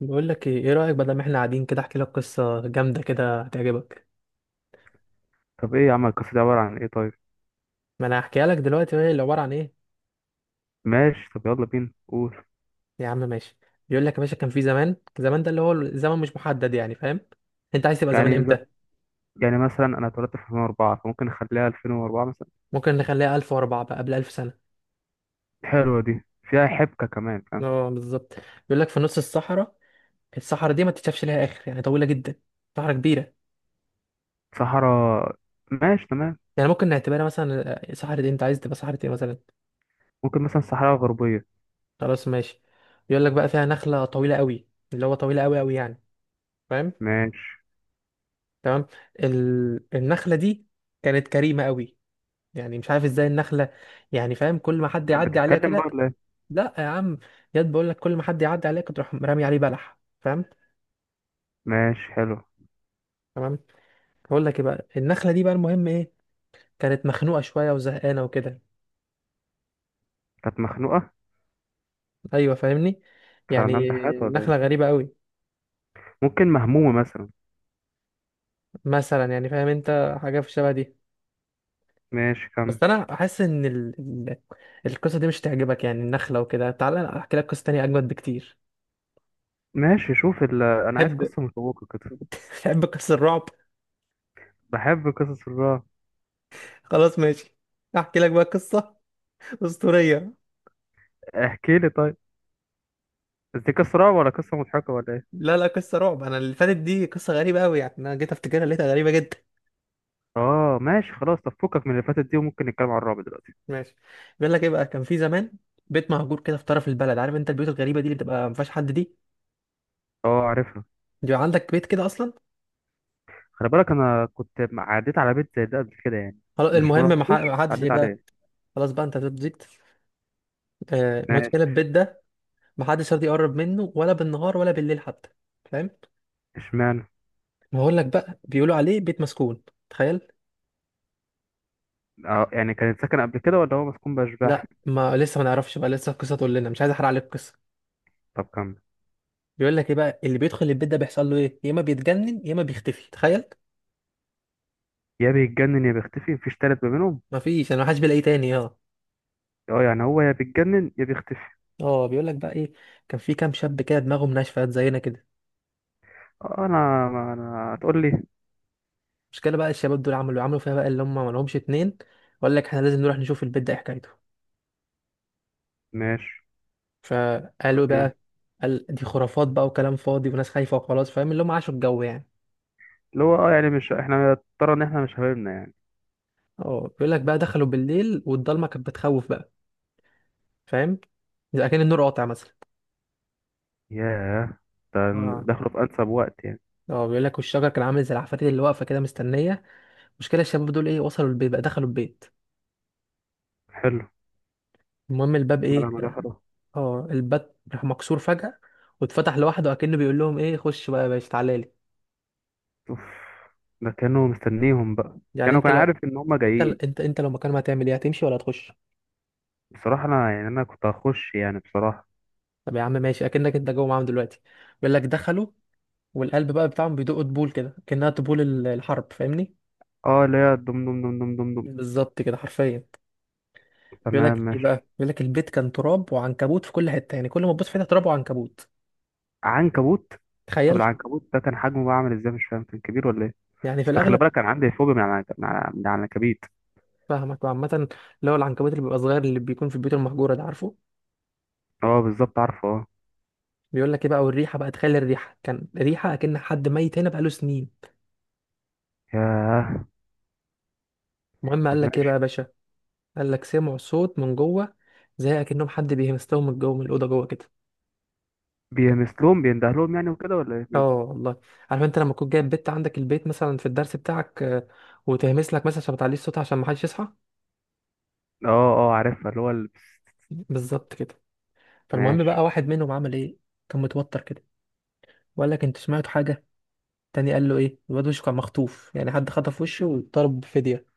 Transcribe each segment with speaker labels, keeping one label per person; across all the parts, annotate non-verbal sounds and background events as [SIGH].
Speaker 1: بقول لك ايه؟ إيه رايك بدل ما احنا قاعدين كده احكي لك قصه جامده كده هتعجبك.
Speaker 2: طب ايه يا عم القصة دي عبارة عن ايه طيب؟
Speaker 1: ما انا هحكيها لك دلوقتي وهي اللي عباره عن ايه.
Speaker 2: ماشي، طب يلا بينا قول.
Speaker 1: يا عم ماشي. بيقول لك يا باشا كان في زمان زمان، ده اللي هو الزمن مش محدد، يعني فاهم. انت عايز تبقى زمان
Speaker 2: يعني ز...
Speaker 1: امتى؟
Speaker 2: يعني مثلا انا اتولدت في 2004، فممكن نخليها 2004 مثلا.
Speaker 1: ممكن نخليها 1004 بقى، قبل 1000 سنه.
Speaker 2: حلوة دي، فيها حبكة كمان، فاهم؟
Speaker 1: اه بالظبط. بيقول لك في نص الصحراء، الصحراء دي ما تتشافش ليها اخر، يعني طويله جدا، صحراء كبيره.
Speaker 2: صحراء. ماشي تمام.
Speaker 1: يعني ممكن نعتبرها مثلا صحراء إيه؟ انت عايز تبقى صحراء ايه مثلا؟
Speaker 2: ممكن مثلا صحراء غربية.
Speaker 1: خلاص ماشي. بيقول لك بقى فيها نخله طويله قوي، اللي هو طويله قوي قوي يعني، فاهم؟
Speaker 2: ماشي.
Speaker 1: تمام. النخله دي كانت كريمه قوي. يعني مش عارف ازاي النخله، يعني فاهم، كل ما حد
Speaker 2: كانت
Speaker 1: يعدي عليها
Speaker 2: بتتكلم بقى
Speaker 1: كده.
Speaker 2: ولا ايه؟
Speaker 1: لا يا عم، ياد بقول لك كل ما حد يعدي عليها كنت تروح رامي عليه بلح، فاهم.
Speaker 2: ماشي حلو.
Speaker 1: تمام. بقول لك ايه بقى، النخله دي بقى المهم ايه، كانت مخنوقه شويه وزهقانه وكده.
Speaker 2: كانت مخنوقة؟
Speaker 1: ايوه فاهمني.
Speaker 2: كانت
Speaker 1: يعني
Speaker 2: عندها امتحانات ولا
Speaker 1: نخله
Speaker 2: ايه؟
Speaker 1: غريبه قوي.
Speaker 2: ممكن مهمومة مثلا.
Speaker 1: مثلا يعني فاهم انت حاجه في الشبه دي.
Speaker 2: ماشي كم.
Speaker 1: بس انا احس ان ال- القصه دي مش تعجبك، يعني النخله وكده. تعالى احكي لك قصه تانية اجمد بكتير.
Speaker 2: ماشي، شوف انا عايز
Speaker 1: تحب،
Speaker 2: قصة مشوقة كده.
Speaker 1: تحب قصص الرعب؟
Speaker 2: بحب قصص الرعب.
Speaker 1: خلاص ماشي. احكي لك بقى قصه اسطوريه.
Speaker 2: احكي لي طيب. بس دي قصة رعب ولا قصة مضحكة ولا ايه؟
Speaker 1: لا لا، قصه رعب. انا اللي فاتت دي قصه غريبه قوي، يعني انا جيت افتكرها لقيتها غريبه جدا.
Speaker 2: اه ماشي خلاص، طب فكك من اللي فاتت دي وممكن نتكلم على الرعب دلوقتي.
Speaker 1: ماشي. بيقول لك ايه بقى، كان في زمان بيت مهجور كده في طرف البلد. عارف انت البيوت الغريبه دي اللي بتبقى ما فيهاش حد دي،
Speaker 2: اه عارفها.
Speaker 1: بيبقى عندك بيت كده اصلا.
Speaker 2: خلي بالك انا كنت عديت على بيت زي ده قبل كده يعني.
Speaker 1: خلاص
Speaker 2: مش
Speaker 1: المهم،
Speaker 2: ما رحتوش
Speaker 1: ما
Speaker 2: بس
Speaker 1: حدش ايه
Speaker 2: عديت
Speaker 1: بقى.
Speaker 2: عليه.
Speaker 1: خلاص بقى انت زبزت. المشكله
Speaker 2: ماشي.
Speaker 1: البيت ده ما حدش راضي يقرب منه، ولا بالنهار ولا بالليل حتى، فاهم.
Speaker 2: اشمعنى؟
Speaker 1: ما هقول لك بقى، بيقولوا عليه بيت مسكون، تخيل.
Speaker 2: اه يعني كان ساكن قبل كده ولا هو مسكون باشباح؟
Speaker 1: لا ما لسه، ما نعرفش بقى، لسه القصه تقول لنا، مش عايز احرق عليك القصه.
Speaker 2: طب كمل.
Speaker 1: بيقول لك ايه بقى، اللي بيدخل البيت ده بيحصل له ايه، يا اما بيتجنن يا اما بيختفي، تخيل.
Speaker 2: يا بيتجنن يا بيختفي، مفيش تالت ما بينهم.
Speaker 1: مفيش، انا محدش بيلاقيه تاني، اه.
Speaker 2: اه يعني هو يا بيتجنن يا بيختفي.
Speaker 1: اه بيقول لك بقى ايه، كان في كام شاب كده دماغهم ناشفه زينا كده.
Speaker 2: اه انا ما انا هتقول لي.
Speaker 1: المشكله بقى الشباب دول عملوا فيها بقى اللي هم ما لهمش اتنين، وقال لك احنا لازم نروح نشوف البيت ده ايه حكايته.
Speaker 2: ماشي.
Speaker 1: فقالوا إيه
Speaker 2: ايه؟
Speaker 1: بقى؟ قال دي خرافات بقى وكلام فاضي وناس خايفه وخلاص، فاهم اللي هم عاشوا الجو يعني.
Speaker 2: اللي هو اه يعني مش احنا ترى ان احنا مش حبايبنا يعني.
Speaker 1: اه بيقول لك بقى دخلوا بالليل، والضلمه كانت بتخوف بقى، فاهم، زي كان النور قاطع مثلا.
Speaker 2: ياه. ده
Speaker 1: اه.
Speaker 2: دخلوا في انسب وقت يعني.
Speaker 1: اه بيقول لك والشجر كان عامل زي العفاريت اللي واقفه كده مستنيه. المشكله الشباب دول ايه، وصلوا البيت بقى، دخلوا البيت.
Speaker 2: حلو.
Speaker 1: المهم الباب
Speaker 2: ما ده
Speaker 1: ايه،
Speaker 2: ما ده خلاص.
Speaker 1: اه الباب راح مكسور فجأة واتفتح لوحده، اكنه بيقول لهم ايه، خش بقى يا باشا تعالى لي.
Speaker 2: اوف. ده كانوا مستنيهم بقى؟
Speaker 1: يعني
Speaker 2: كانوا
Speaker 1: انت
Speaker 2: كان
Speaker 1: لو،
Speaker 2: عارف ان هم
Speaker 1: انت
Speaker 2: جايين.
Speaker 1: انت انت لو مكان ما هتعمل ايه، هتمشي ولا هتخش؟
Speaker 2: بصراحة انا يعني انا كنت هخش يعني بصراحة.
Speaker 1: طب يا عم ماشي، اكنك انت جوه معاهم دلوقتي. بيقول لك دخلوا، والقلب بقى بتاعهم بيدق طبول كده، كأنها طبول الحرب، فاهمني.
Speaker 2: اه اللي هي دم دم دم دم دم دم.
Speaker 1: بالظبط كده حرفيا. بيقول
Speaker 2: تمام
Speaker 1: لك ايه
Speaker 2: ماشي.
Speaker 1: بقى، بيقول لك البيت كان تراب وعنكبوت في كل حتة، يعني كل ما تبص في حتة تراب وعنكبوت،
Speaker 2: عنكبوت. طب
Speaker 1: تخيل.
Speaker 2: العنكبوت ده كان حجمه بقى عامل ازاي؟ مش فاهم كان كبير ولا ايه؟
Speaker 1: يعني في
Speaker 2: بس خلي
Speaker 1: الاغلب.
Speaker 2: بالك كان عندي فوبيا من العنكبيت.
Speaker 1: فاهمك وعامة، اللي هو العنكبوت اللي بيبقى صغير اللي بيكون في البيوت المهجورة ده، عارفه.
Speaker 2: اه بالظبط عارفه اه.
Speaker 1: بيقول لك ايه بقى، والريحة بقى، تخلي الريحة كان ريحة اكن حد ميت هنا بقاله سنين.
Speaker 2: ياه.
Speaker 1: المهم قال
Speaker 2: طب
Speaker 1: لك ايه بقى
Speaker 2: ماشي.
Speaker 1: يا باشا، قال لك سمعوا صوت من جوه، زي اكنهم حد بيهمستهم من جوه، من الأوضة جوه كده.
Speaker 2: بيمثلهم بيندهلهم يعني وكده ولا ايه؟
Speaker 1: اه والله. عارف انت لما تكون جايب بت عندك البيت مثلا في الدرس بتاعك وتهمس لك مثلا عشان ما تعليش صوتها، عشان ما حدش يصحى.
Speaker 2: اه اه عارفها
Speaker 1: بالظبط كده. فالمهم
Speaker 2: ماشي.
Speaker 1: بقى واحد منهم عمل ايه، كان متوتر كده وقال لك انتوا سمعتوا حاجة. تاني قال له ايه الواد، وشه كان مخطوف، يعني حد خطف وشه وطلب فدية.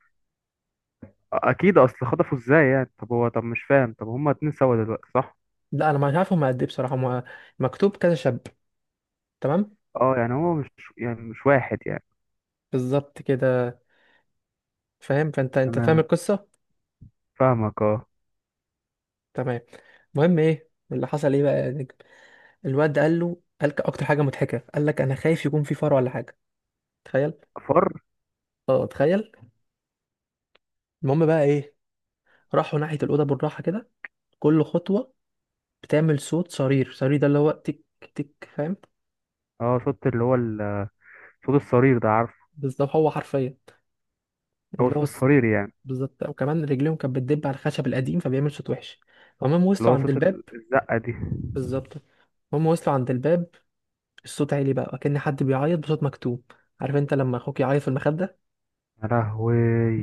Speaker 2: اكيد اصل خطفوا ازاي يعني؟ طب هو طب مش فاهم، طب هما اتنين سوا دلوقتي صح؟
Speaker 1: لا انا مش عارف هم قد ايه بصراحه، هم مكتوب كذا شاب. تمام.
Speaker 2: اه يعني هو مش يعني مش واحد يعني.
Speaker 1: بالظبط كده، فاهم، فانت فاهم
Speaker 2: تمام.
Speaker 1: القصه.
Speaker 2: فاهمك اه.
Speaker 1: تمام. المهم ايه اللي حصل ايه بقى يا نجم؟ الواد قال له، اكتر حاجه مضحكه، قال لك انا خايف يكون في فار ولا حاجه، تخيل.
Speaker 2: فر.
Speaker 1: اه تخيل. المهم بقى ايه، راحوا ناحيه الاوضه بالراحه كده، كل خطوه بتعمل صوت صرير، صرير ده اللي هو تك تك، فاهم.
Speaker 2: اه صوت صوت الصرير ده عارفه.
Speaker 1: بالظبط هو حرفيا،
Speaker 2: هو
Speaker 1: اللي
Speaker 2: صوت
Speaker 1: هو
Speaker 2: الصرير يعني.
Speaker 1: بالظبط. وكمان رجليهم كانت بتدب على الخشب القديم، فبيعمل صوت وحش. المهم
Speaker 2: اللي
Speaker 1: وصلوا
Speaker 2: هو
Speaker 1: عند
Speaker 2: صوت
Speaker 1: الباب.
Speaker 2: ال- الزقة دي.
Speaker 1: بالظبط. هم وصلوا عند الباب، الصوت عالي بقى كأن حد بيعيط بصوت مكتوم. عارف انت لما اخوك يعيط في المخدة؟
Speaker 2: يا لهوي.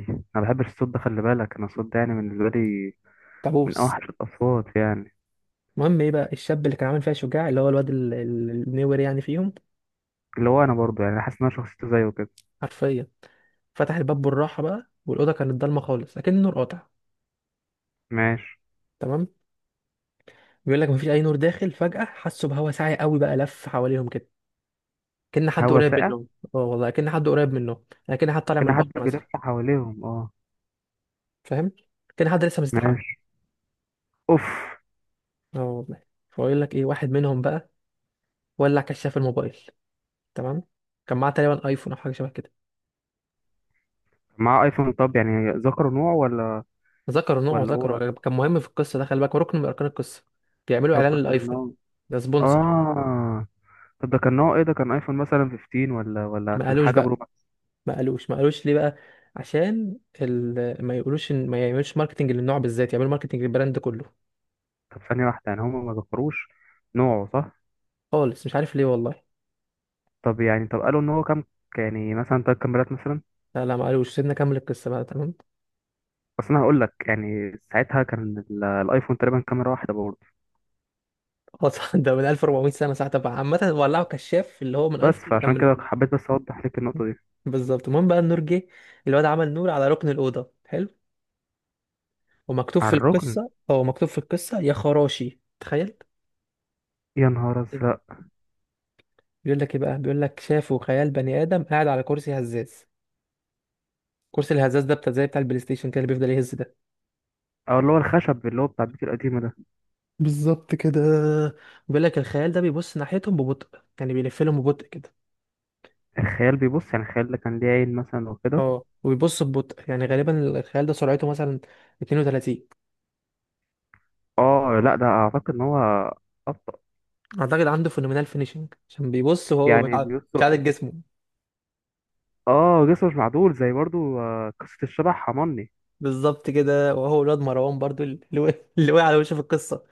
Speaker 2: انا ما بحبش الصوت ده، خلي بالك انا الصوت ده يعني بالنسبة لي من
Speaker 1: تعبوس.
Speaker 2: اوحش الاصوات يعني.
Speaker 1: المهم ايه بقى الشاب اللي كان عامل فيها شجاع اللي هو الواد النور يعني فيهم.
Speaker 2: اللي هو انا برضو يعني حاسس ان انا شخصيته زيه كده.
Speaker 1: حرفيا فتح الباب بالراحة بقى، والأوضة كانت ضلمة خالص أكن النور قاطع.
Speaker 2: ماشي.
Speaker 1: تمام. بيقول لك مفيش أي نور داخل، فجأة حسوا بهوا ساعي قوي بقى لف حواليهم كده، كأن حد
Speaker 2: هوا
Speaker 1: قريب
Speaker 2: ساقع؟
Speaker 1: منهم. اه والله، كأن حد قريب منهم، يعني كأن حد طالع من
Speaker 2: كان
Speaker 1: البحر
Speaker 2: حد
Speaker 1: مثلا،
Speaker 2: بيلف حواليهم اه.
Speaker 1: فاهم، كأن حد لسه مستحمى.
Speaker 2: ماشي. اوف.
Speaker 1: اه والله. فيقول لك إيه واحد منهم بقى ولع كشاف الموبايل. تمام. كان معاه تقريبا ايفون او حاجه شبه كده.
Speaker 2: مع ايفون؟ طب يعني ذكروا نوع ولا؟
Speaker 1: ذكر نوعه
Speaker 2: ولا هو.
Speaker 1: وذكر، هو كان مهم في القصه ده، خلي بالك هو ركن من اركان القصه. بيعملوا اعلان
Speaker 2: طب كان
Speaker 1: للايفون،
Speaker 2: نوع.
Speaker 1: ده سبونسر.
Speaker 2: اه. طب ده كان نوع ايه؟ ده كان ايفون مثلا 15 ولا ولا
Speaker 1: ما
Speaker 2: كان
Speaker 1: قالوش
Speaker 2: حاجه
Speaker 1: بقى
Speaker 2: برو ماكس؟
Speaker 1: ما قالوش ليه بقى؟ عشان ما يقولوش إن... ما يعملوش ماركتنج للنوع بالذات، يعملوا ماركتنج للبراند كله.
Speaker 2: طب ثانيه واحده، يعني هم ما ذكروش نوعه صح.
Speaker 1: خالص مش عارف ليه والله.
Speaker 2: طب يعني طب قالوا ان هو كام؟ يعني مثلا تلات كاميرات مثلا.
Speaker 1: لا لا ما قالوش، سيبنا اكمل القصه بقى تمام.
Speaker 2: بس انا هقول لك يعني ساعتها كان الايفون تقريبا كاميرا واحده برضه.
Speaker 1: خلاص [LAUGHS] ده من 1400 سنه ساعه بقى عامه، ولعوا كشاف اللي هو من
Speaker 2: بس
Speaker 1: ايفون اللي
Speaker 2: فعشان
Speaker 1: كمل.
Speaker 2: كده حبيت بس اوضح لك النقطه دي.
Speaker 1: بالظبط. المهم بقى النور جه، الواد عمل نور على ركن الاوضه، حلو. ومكتوب
Speaker 2: على
Speaker 1: في
Speaker 2: الركن.
Speaker 1: القصة، هو مكتوب في القصة يا خراشي، تخيل.
Speaker 2: يا نهار ازرق.
Speaker 1: بيقول لك ايه بقى، بيقول لك شافوا خيال بني آدم قاعد على كرسي هزاز. كرسي الهزاز ده بتاع زي بتاع البلاي ستيشن كده، اللي بيفضل يهز ده.
Speaker 2: او اللي هو الخشب اللي هو بتاع البيت القديمه ده.
Speaker 1: بالظبط كده. بيقول لك الخيال ده بيبص ناحيتهم ببطء، يعني بيلف لهم ببطء كده.
Speaker 2: الخيال بيبص، يعني الخيال ده كان ليه عين مثلا وكده؟
Speaker 1: اه، وبيبص ببطء، يعني غالبا الخيال ده سرعته مثلا 32.
Speaker 2: اه لا، ده اعتقد ان هو ابطأ.
Speaker 1: اعتقد عنده فينومينال فينيشنج، عشان بيبص وهو
Speaker 2: يعني بيبص.
Speaker 1: مش عادل جسمه.
Speaker 2: اه جسمه مش معدول زي برضه، آه قصه الشبح حماني.
Speaker 1: بالظبط كده. وهو ولاد مروان برضو اللي وقع، اللي وقع على وشه في القصة.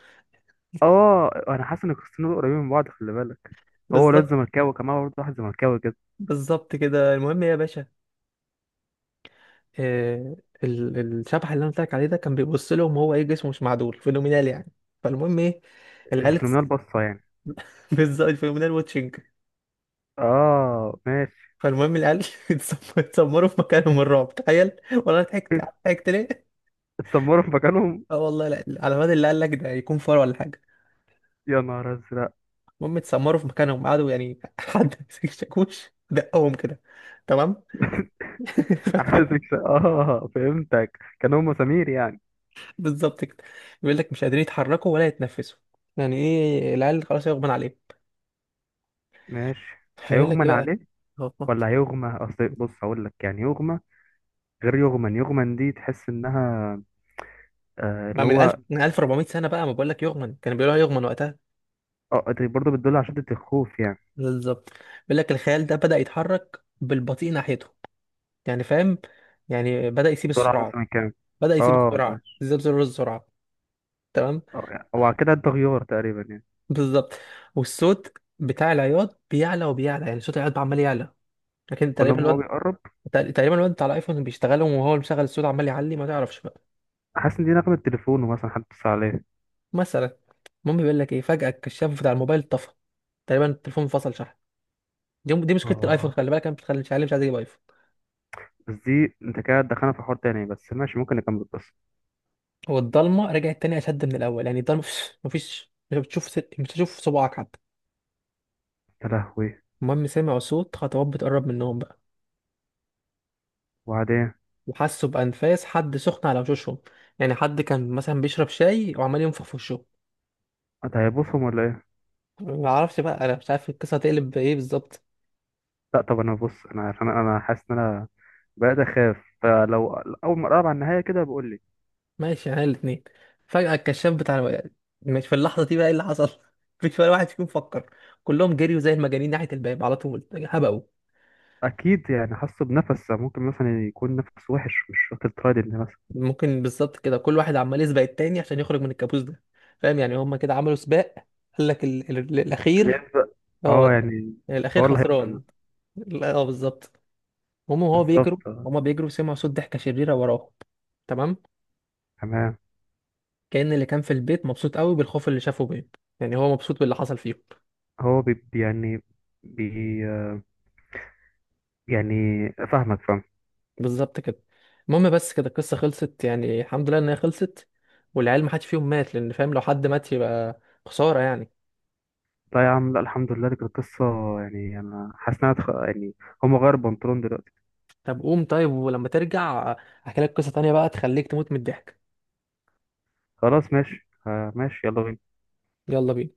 Speaker 2: اه انا حاسس ان القصتين دول قريبين من بعض خلي بالك. هو ولاد
Speaker 1: بالظبط
Speaker 2: زملكاوي كمان برضه، واحد زملكاوي كده.
Speaker 1: بالظبط كده. المهم إيه يا باشا، آه، الشبح اللي انا قلت لك عليه ده كان بيبص لهم وهو ايه، جسمه مش معدول، فينومينال يعني. فالمهم ايه، العيال
Speaker 2: الفينومينال بصة يعني.
Speaker 1: [LAUGHS] بالظبط، الفينومينال واتشنج.
Speaker 2: اه ماشي.
Speaker 1: فالمهم العيال [LAUGHS] اتسمروا في مكانهم من الرعب، تخيل والله ضحكت.
Speaker 2: [LAUGHS]
Speaker 1: ضحكت ليه؟
Speaker 2: اتسمروا في مكانهم.
Speaker 1: اه والله، لا على مدى اللي قال لك ده يكون فار ولا حاجه.
Speaker 2: يا نهار ازرق.
Speaker 1: المهم اتسمروا في مكانهم، قعدوا يعني [LAUGHS] حد مسك الشاكوش دقهم كده. تمام. [LAUGHS]
Speaker 2: [LAUGHS]
Speaker 1: فالمهم
Speaker 2: اه فهمتك، كانوا هم سمير يعني.
Speaker 1: بالظبط كده. بيقول لك مش قادرين يتحركوا ولا يتنفسوا، يعني ايه العيال خلاص يغمى عليهم.
Speaker 2: ماشي.
Speaker 1: هيقول لك ايه
Speaker 2: هيغمن
Speaker 1: بقى،
Speaker 2: عليه
Speaker 1: هو-
Speaker 2: ولا هيغمى؟ اصل بص هقول لك، يعني يغمى غير يغمن، يغمن دي تحس انها آه،
Speaker 1: ما
Speaker 2: اللي
Speaker 1: من ألف،
Speaker 2: هو.
Speaker 1: من 1400 سنة بقى، ما بقول لك يغمن، كانوا بيقولوها يغمن وقتها.
Speaker 2: اه دي برضه بتدل على شدة الخوف يعني.
Speaker 1: بالظبط. بيقول لك الخيال ده بدأ يتحرك بالبطيء ناحيته، يعني فاهم يعني بدأ يسيب
Speaker 2: سرعة
Speaker 1: السرعة،
Speaker 2: مثلا كام؟
Speaker 1: بدأ يسيب
Speaker 2: اه
Speaker 1: السرعة،
Speaker 2: ماشي.
Speaker 1: يسيب زر السرعة. تمام.
Speaker 2: اه يعني هو كده ده غيار تقريبا يعني.
Speaker 1: بالظبط. والصوت بتاع العياط بيعلى وبيعلى، يعني صوت العياط عمال يعلى. لكن
Speaker 2: كل
Speaker 1: تقريبا
Speaker 2: ما هو
Speaker 1: الواد،
Speaker 2: بيقرب.
Speaker 1: تقريبا الواد بتاع الايفون بيشتغلهم وهو اللي مشغل الصوت، عمال يعلي ما تعرفش بقى.
Speaker 2: حاسس ان دي نغمة تليفونه، مثلا حد اتصل عليه.
Speaker 1: مثلا. المهم بيقول لك ايه، فجأة الكشاف بتاع الموبايل طفى، تقريبا التليفون فصل شحن. دي مشكله الايفون،
Speaker 2: اه
Speaker 1: خلي بالك انا بتخلي مش عارف، مش عايز اجيب ايفون.
Speaker 2: بس دي انت كده دخلنا في حوار تاني، بس ماشي ممكن نكمل القصة.
Speaker 1: والضلمه رجعت تاني اشد من الاول، يعني الضلمه مفيش مش بتشوف مش هتشوف صباعك حتى.
Speaker 2: يا لهوي.
Speaker 1: المهم سمعوا صوت خطوات بتقرب منهم بقى،
Speaker 2: وبعدين؟
Speaker 1: وحسوا بانفاس حد سخن على وشوشهم، يعني حد كان مثلا بيشرب شاي وعمال ينفخ في وشه.
Speaker 2: انت هيبصهم ولا ايه؟
Speaker 1: ما اعرفش بقى، انا مش عارف القصه هتقلب بايه بالظبط.
Speaker 2: لا طب انا بص، انا عشان انا حاسس ان انا بقيت اخاف، فلو اول ما اقرب على النهاية كده بقول لي.
Speaker 1: ماشي، يعني الاثنين. فجاه الكشاف بتاع، مش في اللحظه دي بقى ايه اللي حصل. [LAUGHS] مفيش ولا واحد فيكم فكر، كلهم جريوا زي المجانين ناحيه الباب على طول هبقوا.
Speaker 2: اكيد يعني حاسه بنفس، ممكن مثلا يكون نفس وحش مش واخد ترايد ان مثلا.
Speaker 1: ممكن بالظبط كده، كل واحد عمال يسبق التاني عشان يخرج من الكابوس ده، فاهم، يعني هما كده عملوا سباق. قال لك
Speaker 2: اللي
Speaker 1: الاخير
Speaker 2: يبدأ. اه
Speaker 1: هو،
Speaker 2: يعني
Speaker 1: الاخير
Speaker 2: هو اللي هيبدأ
Speaker 1: خسران.
Speaker 2: مثلا.
Speaker 1: لا اه بالظبط. هما وهو
Speaker 2: بالظبط
Speaker 1: بيجروا،
Speaker 2: آه.
Speaker 1: هما بيجروا سمعوا صوت ضحكه شريره وراهم. تمام.
Speaker 2: تمام.
Speaker 1: كأن اللي كان في البيت مبسوط قوي بالخوف اللي شافه بيه، يعني هو مبسوط باللي حصل فيهم.
Speaker 2: هو يعني بي يعني، فاهمك فاهم.
Speaker 1: بالظبط كده. المهم بس كده القصه خلصت، يعني الحمد لله ان هي خلصت، والعيال ما حدش فيهم مات، لان فاهم لو حد مات يبقى خساره يعني.
Speaker 2: لا يا عم لا، الحمد لله دي كانت قصة. يعني أنا حاسس إنها يعني هم غير بنطلون دلوقتي.
Speaker 1: طب قوم طيب، ولما ترجع احكي لك قصة تانية بقى تخليك تموت من الضحك.
Speaker 2: خلاص ماشي آه، ماشي يلا بينا.
Speaker 1: يلا بينا.